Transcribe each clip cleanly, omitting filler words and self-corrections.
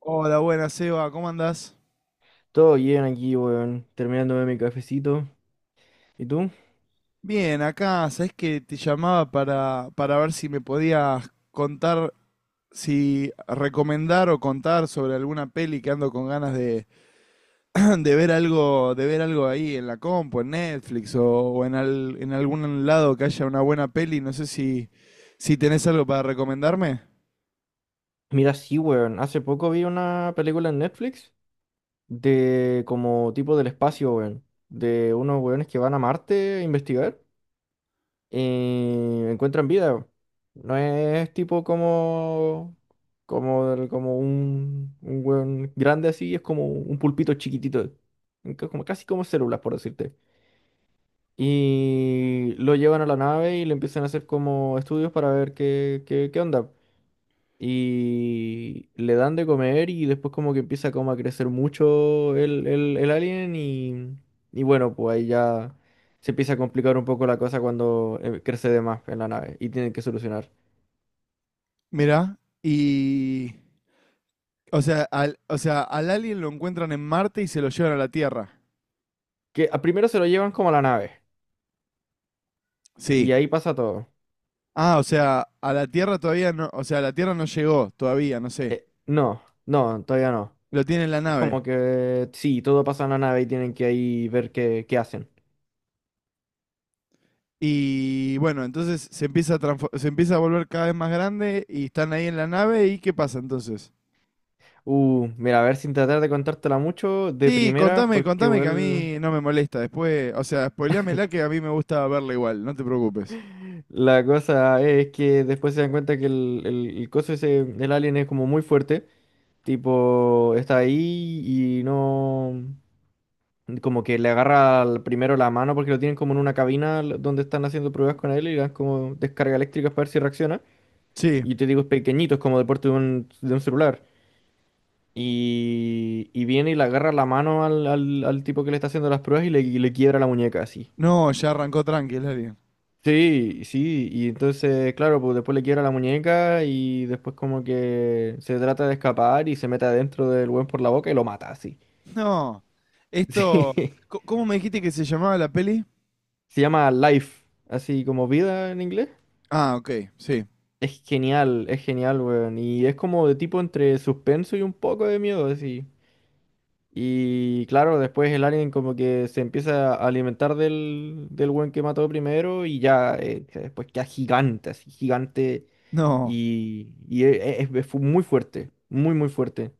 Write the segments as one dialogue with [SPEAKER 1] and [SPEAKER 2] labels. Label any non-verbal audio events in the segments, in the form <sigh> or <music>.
[SPEAKER 1] Hola, buenas, Seba, ¿cómo andás?
[SPEAKER 2] Todo bien aquí, weón. Terminándome mi cafecito. ¿Y tú?
[SPEAKER 1] Bien, acá, sabés que te llamaba para ver si me podías contar, si recomendar o contar sobre alguna peli que ando con ganas <clears throat> de ver algo ahí en la compu, en Netflix o en en algún lado que haya una buena peli. No sé si tenés algo para recomendarme.
[SPEAKER 2] Mira, sí, weón. Hace poco vi una película en Netflix de como tipo del espacio, weón. De unos weones que van a Marte a investigar y encuentran vida. Weón. No es tipo como... Como, del- como un weón grande así, es como un pulpito chiquitito. Como, casi como células, por decirte. Y lo llevan a la nave y le empiezan a hacer como estudios para ver qué, qué onda. Y le dan de comer y después como que empieza como a crecer mucho el alien y bueno, pues ahí ya se empieza a complicar un poco la cosa cuando crece de más en la nave y tienen que solucionar.
[SPEAKER 1] Mirá, y... O sea, o sea, al alien lo encuentran en Marte y se lo llevan a la Tierra.
[SPEAKER 2] Que a- primero se lo llevan como a la nave
[SPEAKER 1] Sí.
[SPEAKER 2] y ahí pasa todo.
[SPEAKER 1] Ah, o sea, a la Tierra todavía no, o sea, la Tierra no llegó todavía, no sé.
[SPEAKER 2] No, no, todavía no.
[SPEAKER 1] Lo tiene en la
[SPEAKER 2] Es
[SPEAKER 1] nave.
[SPEAKER 2] como que sí, todo pasa en la nave y tienen que ahí ver qué, qué hacen.
[SPEAKER 1] Y bueno, entonces se empieza a volver cada vez más grande y están ahí en la nave, y ¿qué pasa entonces?
[SPEAKER 2] Mira, a ver sin tratar de contártela mucho de
[SPEAKER 1] Sí,
[SPEAKER 2] primeras
[SPEAKER 1] contame,
[SPEAKER 2] porque
[SPEAKER 1] contame que a
[SPEAKER 2] igual.
[SPEAKER 1] mí no me molesta. Después, o sea, spoileámela que a mí me gusta verla igual, no te preocupes.
[SPEAKER 2] La cosa es que después se dan cuenta que el coso ese, el alien es como muy fuerte, tipo, está ahí y no, como que le agarra al- primero la mano porque lo tienen como en una cabina l- donde están haciendo pruebas con él y le dan como descarga eléctrica para ver si reacciona.
[SPEAKER 1] Sí.
[SPEAKER 2] Y te digo, es pequeñito, es como de porte de un celular. Y viene y le agarra la mano al, al tipo que le está haciendo las pruebas y le quiebra la muñeca así.
[SPEAKER 1] No, ya arrancó tranqui el alien.
[SPEAKER 2] Sí, sí, y entonces, claro, pues después le quiebra la muñeca y después como que se trata de escapar y se mete adentro del buen por la boca y lo mata, así. <laughs>
[SPEAKER 1] No. Esto,
[SPEAKER 2] Sí.
[SPEAKER 1] ¿cómo me dijiste que se llamaba la peli?
[SPEAKER 2] Se llama Life, así como vida en inglés.
[SPEAKER 1] Ah, ok, sí.
[SPEAKER 2] Es genial, weón. Y es como de tipo entre suspenso y un poco de miedo, así. Y claro, después el alien como que se empieza a alimentar del, del weón que mató primero y ya, después queda gigante, así, gigante.
[SPEAKER 1] No.
[SPEAKER 2] Y es, fu- muy fuerte, muy, muy fuerte.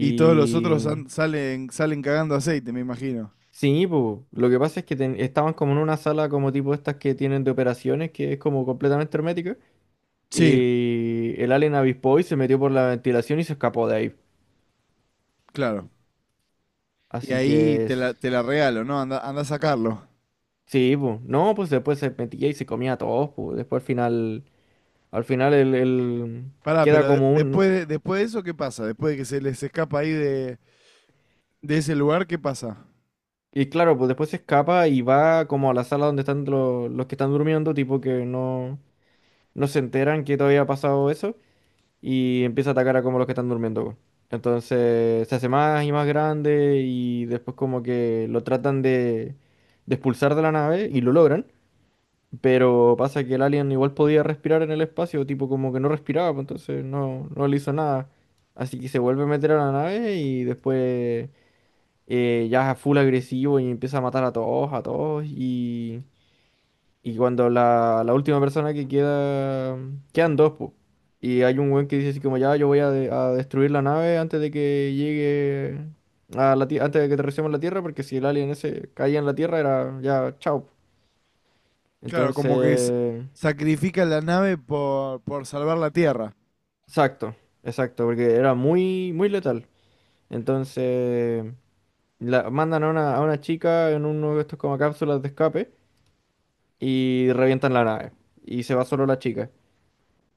[SPEAKER 1] Y todos los otros salen, salen cagando aceite, me imagino.
[SPEAKER 2] sí, po, lo que pasa es que ten- estaban como en una sala como tipo estas que tienen de operaciones, que es como completamente hermética.
[SPEAKER 1] Sí.
[SPEAKER 2] Y el alien avispó y se metió por la ventilación y se escapó de ahí.
[SPEAKER 1] Claro. Y
[SPEAKER 2] Así que
[SPEAKER 1] ahí
[SPEAKER 2] s-
[SPEAKER 1] te la regalo, ¿no? Anda, anda a sacarlo.
[SPEAKER 2] sí, pues. No, pues después se metía y se comía a todos, pues. Después al final el-
[SPEAKER 1] Pará,
[SPEAKER 2] queda
[SPEAKER 1] pero
[SPEAKER 2] como un...
[SPEAKER 1] después de eso, ¿qué pasa? Después de que se les escapa ahí de ese lugar, ¿qué pasa?
[SPEAKER 2] Y claro, pues después se escapa y va como a la sala donde están los que están durmiendo, tipo que no... no se enteran que todavía ha pasado eso y empieza a atacar a como los que están durmiendo, po. Entonces se hace más y más grande y después como que lo tratan de expulsar de la nave y lo logran, pero pasa que el alien igual podía respirar en el espacio, tipo como que no respiraba, pues entonces no, no le hizo nada. Así que se vuelve a meter a la nave y después ya es full agresivo y empieza a matar a todos y... Y cuando la última persona que queda, quedan dos, po. Y hay un weón que dice así como, ya, yo voy a, de- a destruir la nave antes de que llegue a la Tierra, antes de que aterricemos en la Tierra, porque si el alien ese caía en la Tierra era ya, chao. Po".
[SPEAKER 1] Claro, como que
[SPEAKER 2] Entonces,
[SPEAKER 1] sacrifican la nave por salvar la Tierra.
[SPEAKER 2] exacto, exacto, porque era muy, muy letal. Entonces, la, mandan a una chica en uno de estos como cápsulas de escape y revientan la nave. Y se va solo la chica.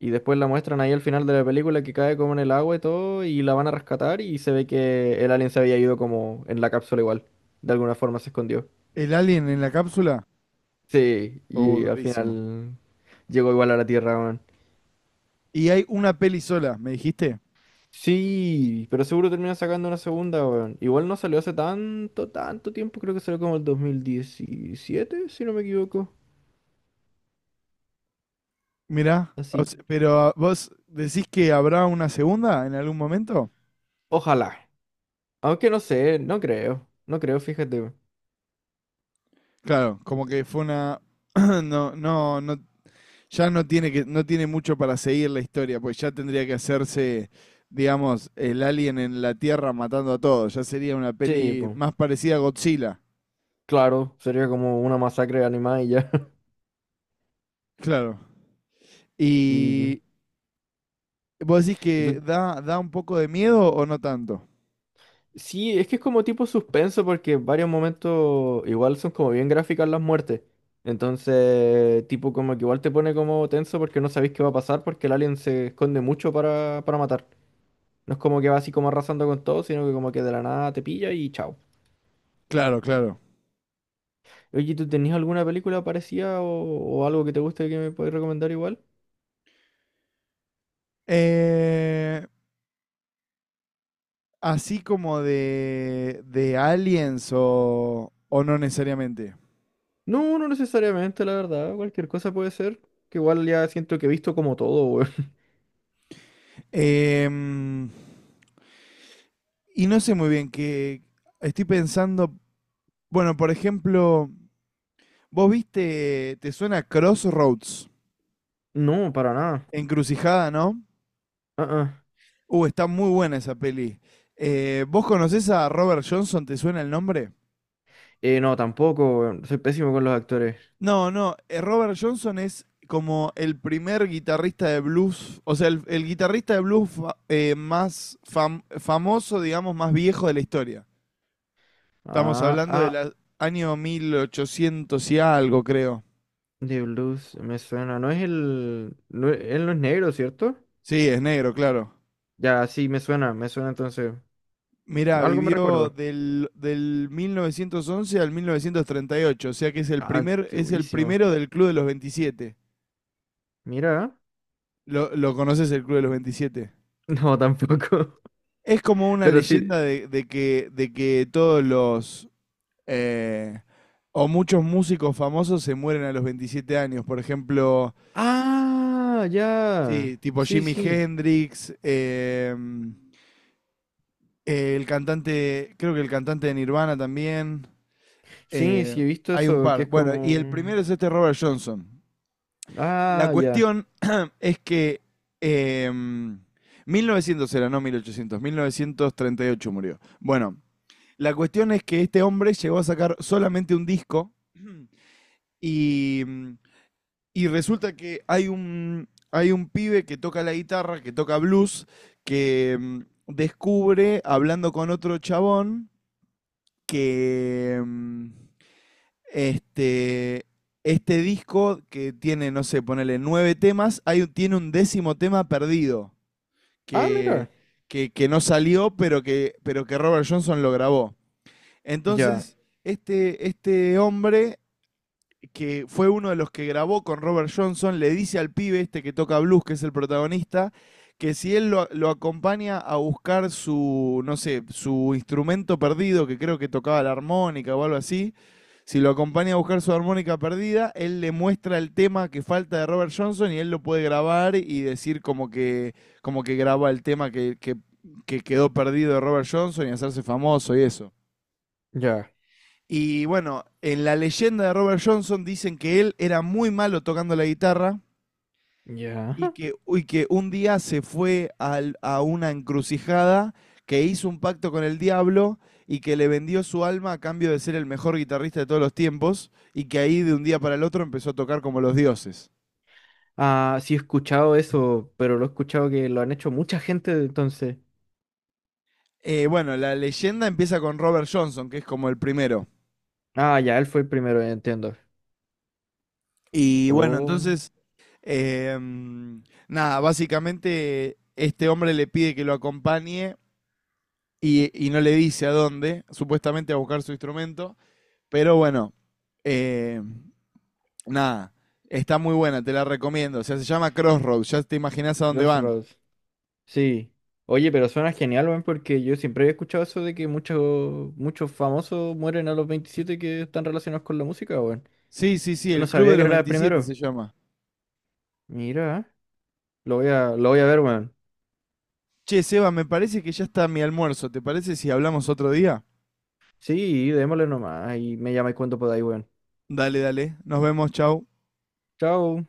[SPEAKER 2] Y después la muestran ahí al final de la película que cae como en el agua y todo, y la van a rescatar y se ve que el alien se había ido como en la cápsula igual. De alguna forma se escondió.
[SPEAKER 1] ¿El alien en la cápsula?
[SPEAKER 2] Sí,
[SPEAKER 1] Oh,
[SPEAKER 2] y al
[SPEAKER 1] durísimo.
[SPEAKER 2] final llegó igual a la Tierra, weón.
[SPEAKER 1] Y hay una peli sola, ¿me dijiste?
[SPEAKER 2] Sí, pero seguro termina sacando una segunda, weón. Igual no salió hace tanto, tanto tiempo, creo que salió como el 2017 si no me equivoco.
[SPEAKER 1] Mirá, o
[SPEAKER 2] Así,
[SPEAKER 1] se- pero ah, vos decís que habrá una segunda en algún momento.
[SPEAKER 2] ojalá. Aunque no sé, no creo. No creo, fíjate, weón.
[SPEAKER 1] Claro, como que fue una. <clears throat> No, no, no. Ya no tiene que, no tiene mucho para seguir la historia, pues ya tendría que hacerse, digamos, el alien en la Tierra matando a todos. Ya sería una
[SPEAKER 2] Sí,
[SPEAKER 1] peli
[SPEAKER 2] pues,
[SPEAKER 1] más parecida a Godzilla.
[SPEAKER 2] claro, sería como una masacre animal y ya. <laughs>
[SPEAKER 1] Claro.
[SPEAKER 2] Y
[SPEAKER 1] Y vos decís que
[SPEAKER 2] entonces,
[SPEAKER 1] da, da un poco de miedo o no tanto.
[SPEAKER 2] sí, es que es como tipo suspenso porque en varios momentos igual son como bien gráficas las muertes. Entonces, tipo como que igual te pone como tenso porque no sabéis qué va a pasar porque el alien se esconde mucho para matar. No es como que va así como arrasando con todo, sino que como que de la nada te pilla y chao.
[SPEAKER 1] Claro, claro.
[SPEAKER 2] Oye, ¿tú tenías alguna película parecida o algo que te guste que me puedes recomendar igual?
[SPEAKER 1] Eh, así como de aliens o no necesariamente.
[SPEAKER 2] No, no necesariamente, la verdad. Cualquier cosa puede ser. Que igual ya siento que he visto como todo, weón. <laughs>
[SPEAKER 1] Em, Y no sé muy bien qué. Estoy pensando. Bueno, por ejemplo, vos viste. Te suena Crossroads.
[SPEAKER 2] No, para nada.
[SPEAKER 1] Encrucijada, ¿no?
[SPEAKER 2] Ah, ah.
[SPEAKER 1] Está muy buena esa peli. ¿Vos conocés a Robert Johnson? ¿Te suena el nombre?
[SPEAKER 2] No, tampoco, weón. Soy pésimo con los actores.
[SPEAKER 1] No, no. Robert Johnson es como el primer guitarrista de blues. O sea, el guitarrista de blues más famoso, digamos, más viejo de la historia. Estamos
[SPEAKER 2] Ah,
[SPEAKER 1] hablando
[SPEAKER 2] ah,
[SPEAKER 1] del año 1800 y algo, creo.
[SPEAKER 2] The Blues, me suena. No es el... no es- él no es negro, ¿cierto?
[SPEAKER 1] Sí, es negro, claro.
[SPEAKER 2] Ya, sí, me suena entonces.
[SPEAKER 1] Mirá,
[SPEAKER 2] Algo me
[SPEAKER 1] vivió
[SPEAKER 2] recuerdo.
[SPEAKER 1] del 1911 al 1938, o sea que es el
[SPEAKER 2] Ah,
[SPEAKER 1] es el
[SPEAKER 2] antiguísimo.
[SPEAKER 1] primero del Club de los 27.
[SPEAKER 2] Mira.
[SPEAKER 1] ¿Lo conoces el Club de los 27?
[SPEAKER 2] No, tampoco.
[SPEAKER 1] Es como
[SPEAKER 2] <laughs>
[SPEAKER 1] una
[SPEAKER 2] Pero sí.
[SPEAKER 1] leyenda de que de que todos los eh, o muchos músicos famosos se mueren a los 27 años. Por ejemplo,
[SPEAKER 2] Ah,
[SPEAKER 1] sí,
[SPEAKER 2] ya.
[SPEAKER 1] tipo
[SPEAKER 2] Sí,
[SPEAKER 1] Jimi
[SPEAKER 2] sí.
[SPEAKER 1] Hendrix, el cantante, creo que el cantante de Nirvana también.
[SPEAKER 2] Sí, sí,
[SPEAKER 1] Eh,
[SPEAKER 2] he visto
[SPEAKER 1] hay un
[SPEAKER 2] eso, que
[SPEAKER 1] par.
[SPEAKER 2] es
[SPEAKER 1] Bueno, y el
[SPEAKER 2] como...
[SPEAKER 1] primero es este Robert Johnson. La
[SPEAKER 2] Ah, ya.
[SPEAKER 1] cuestión <clears throat> es que eh, 1900 era, no 1800, 1938 murió. Bueno, la cuestión es que este hombre llegó a sacar solamente un disco, <clears throat> y, y resulta que hay un pibe que toca la guitarra, que toca blues, que descubre, hablando con otro chabón, que este este, disco que tiene, no sé, ponele nueve temas, tiene un décimo tema perdido
[SPEAKER 2] Ah, mira.
[SPEAKER 1] que, que no salió, pero pero que Robert Johnson lo grabó.
[SPEAKER 2] Ya,
[SPEAKER 1] Entonces, este hombre que fue uno de los que grabó con Robert Johnson le dice al pibe este que toca blues, que es el protagonista, que si él lo acompaña a buscar su, no sé, su instrumento perdido, que creo que tocaba la armónica o algo así, si lo acompaña a buscar su armónica perdida, él le muestra el tema que falta de Robert Johnson y él lo puede grabar y decir como que graba el tema que quedó perdido de Robert Johnson y hacerse famoso y eso.
[SPEAKER 2] ya,
[SPEAKER 1] Y bueno, en la leyenda de Robert Johnson dicen que él era muy malo tocando la guitarra
[SPEAKER 2] ya.
[SPEAKER 1] y que, uy, que un día se fue a una encrucijada, que hizo un pacto con el diablo y que le vendió su alma a cambio de ser el mejor guitarrista de todos los tiempos, y que ahí de un día para el otro empezó a tocar como los dioses.
[SPEAKER 2] Ah, sí he escuchado eso, pero lo he escuchado que lo han hecho mucha gente entonces.
[SPEAKER 1] Bueno, la leyenda empieza con Robert Johnson, que es como el primero.
[SPEAKER 2] Ah, ya, él fue el primero, ya entiendo.
[SPEAKER 1] Y bueno,
[SPEAKER 2] Oh,
[SPEAKER 1] entonces, em, nada, básicamente este hombre le pide que lo acompañe y no le dice a dónde, supuestamente a buscar su instrumento. Pero bueno, eh, nada, está muy buena, te la recomiendo. O sea, se llama Crossroads, ya te imaginás a dónde van.
[SPEAKER 2] Crossroads. Sí. Oye, pero suena genial, weón, porque yo siempre había escuchado eso de que muchos famosos mueren a los 27 que están relacionados con la música, weón.
[SPEAKER 1] Sí, sí, sí,
[SPEAKER 2] No
[SPEAKER 1] el Club
[SPEAKER 2] sabía
[SPEAKER 1] de
[SPEAKER 2] que
[SPEAKER 1] los
[SPEAKER 2] era el
[SPEAKER 1] 27
[SPEAKER 2] primero.
[SPEAKER 1] se llama.
[SPEAKER 2] Mira, lo voy a ver, weón.
[SPEAKER 1] Che, Seba, me parece que ya está mi almuerzo. ¿Te parece si hablamos otro día?
[SPEAKER 2] Sí, démosle nomás y me llamáis cuando podáis, weón.
[SPEAKER 1] Dale, dale. Nos vemos, chau.
[SPEAKER 2] Chao.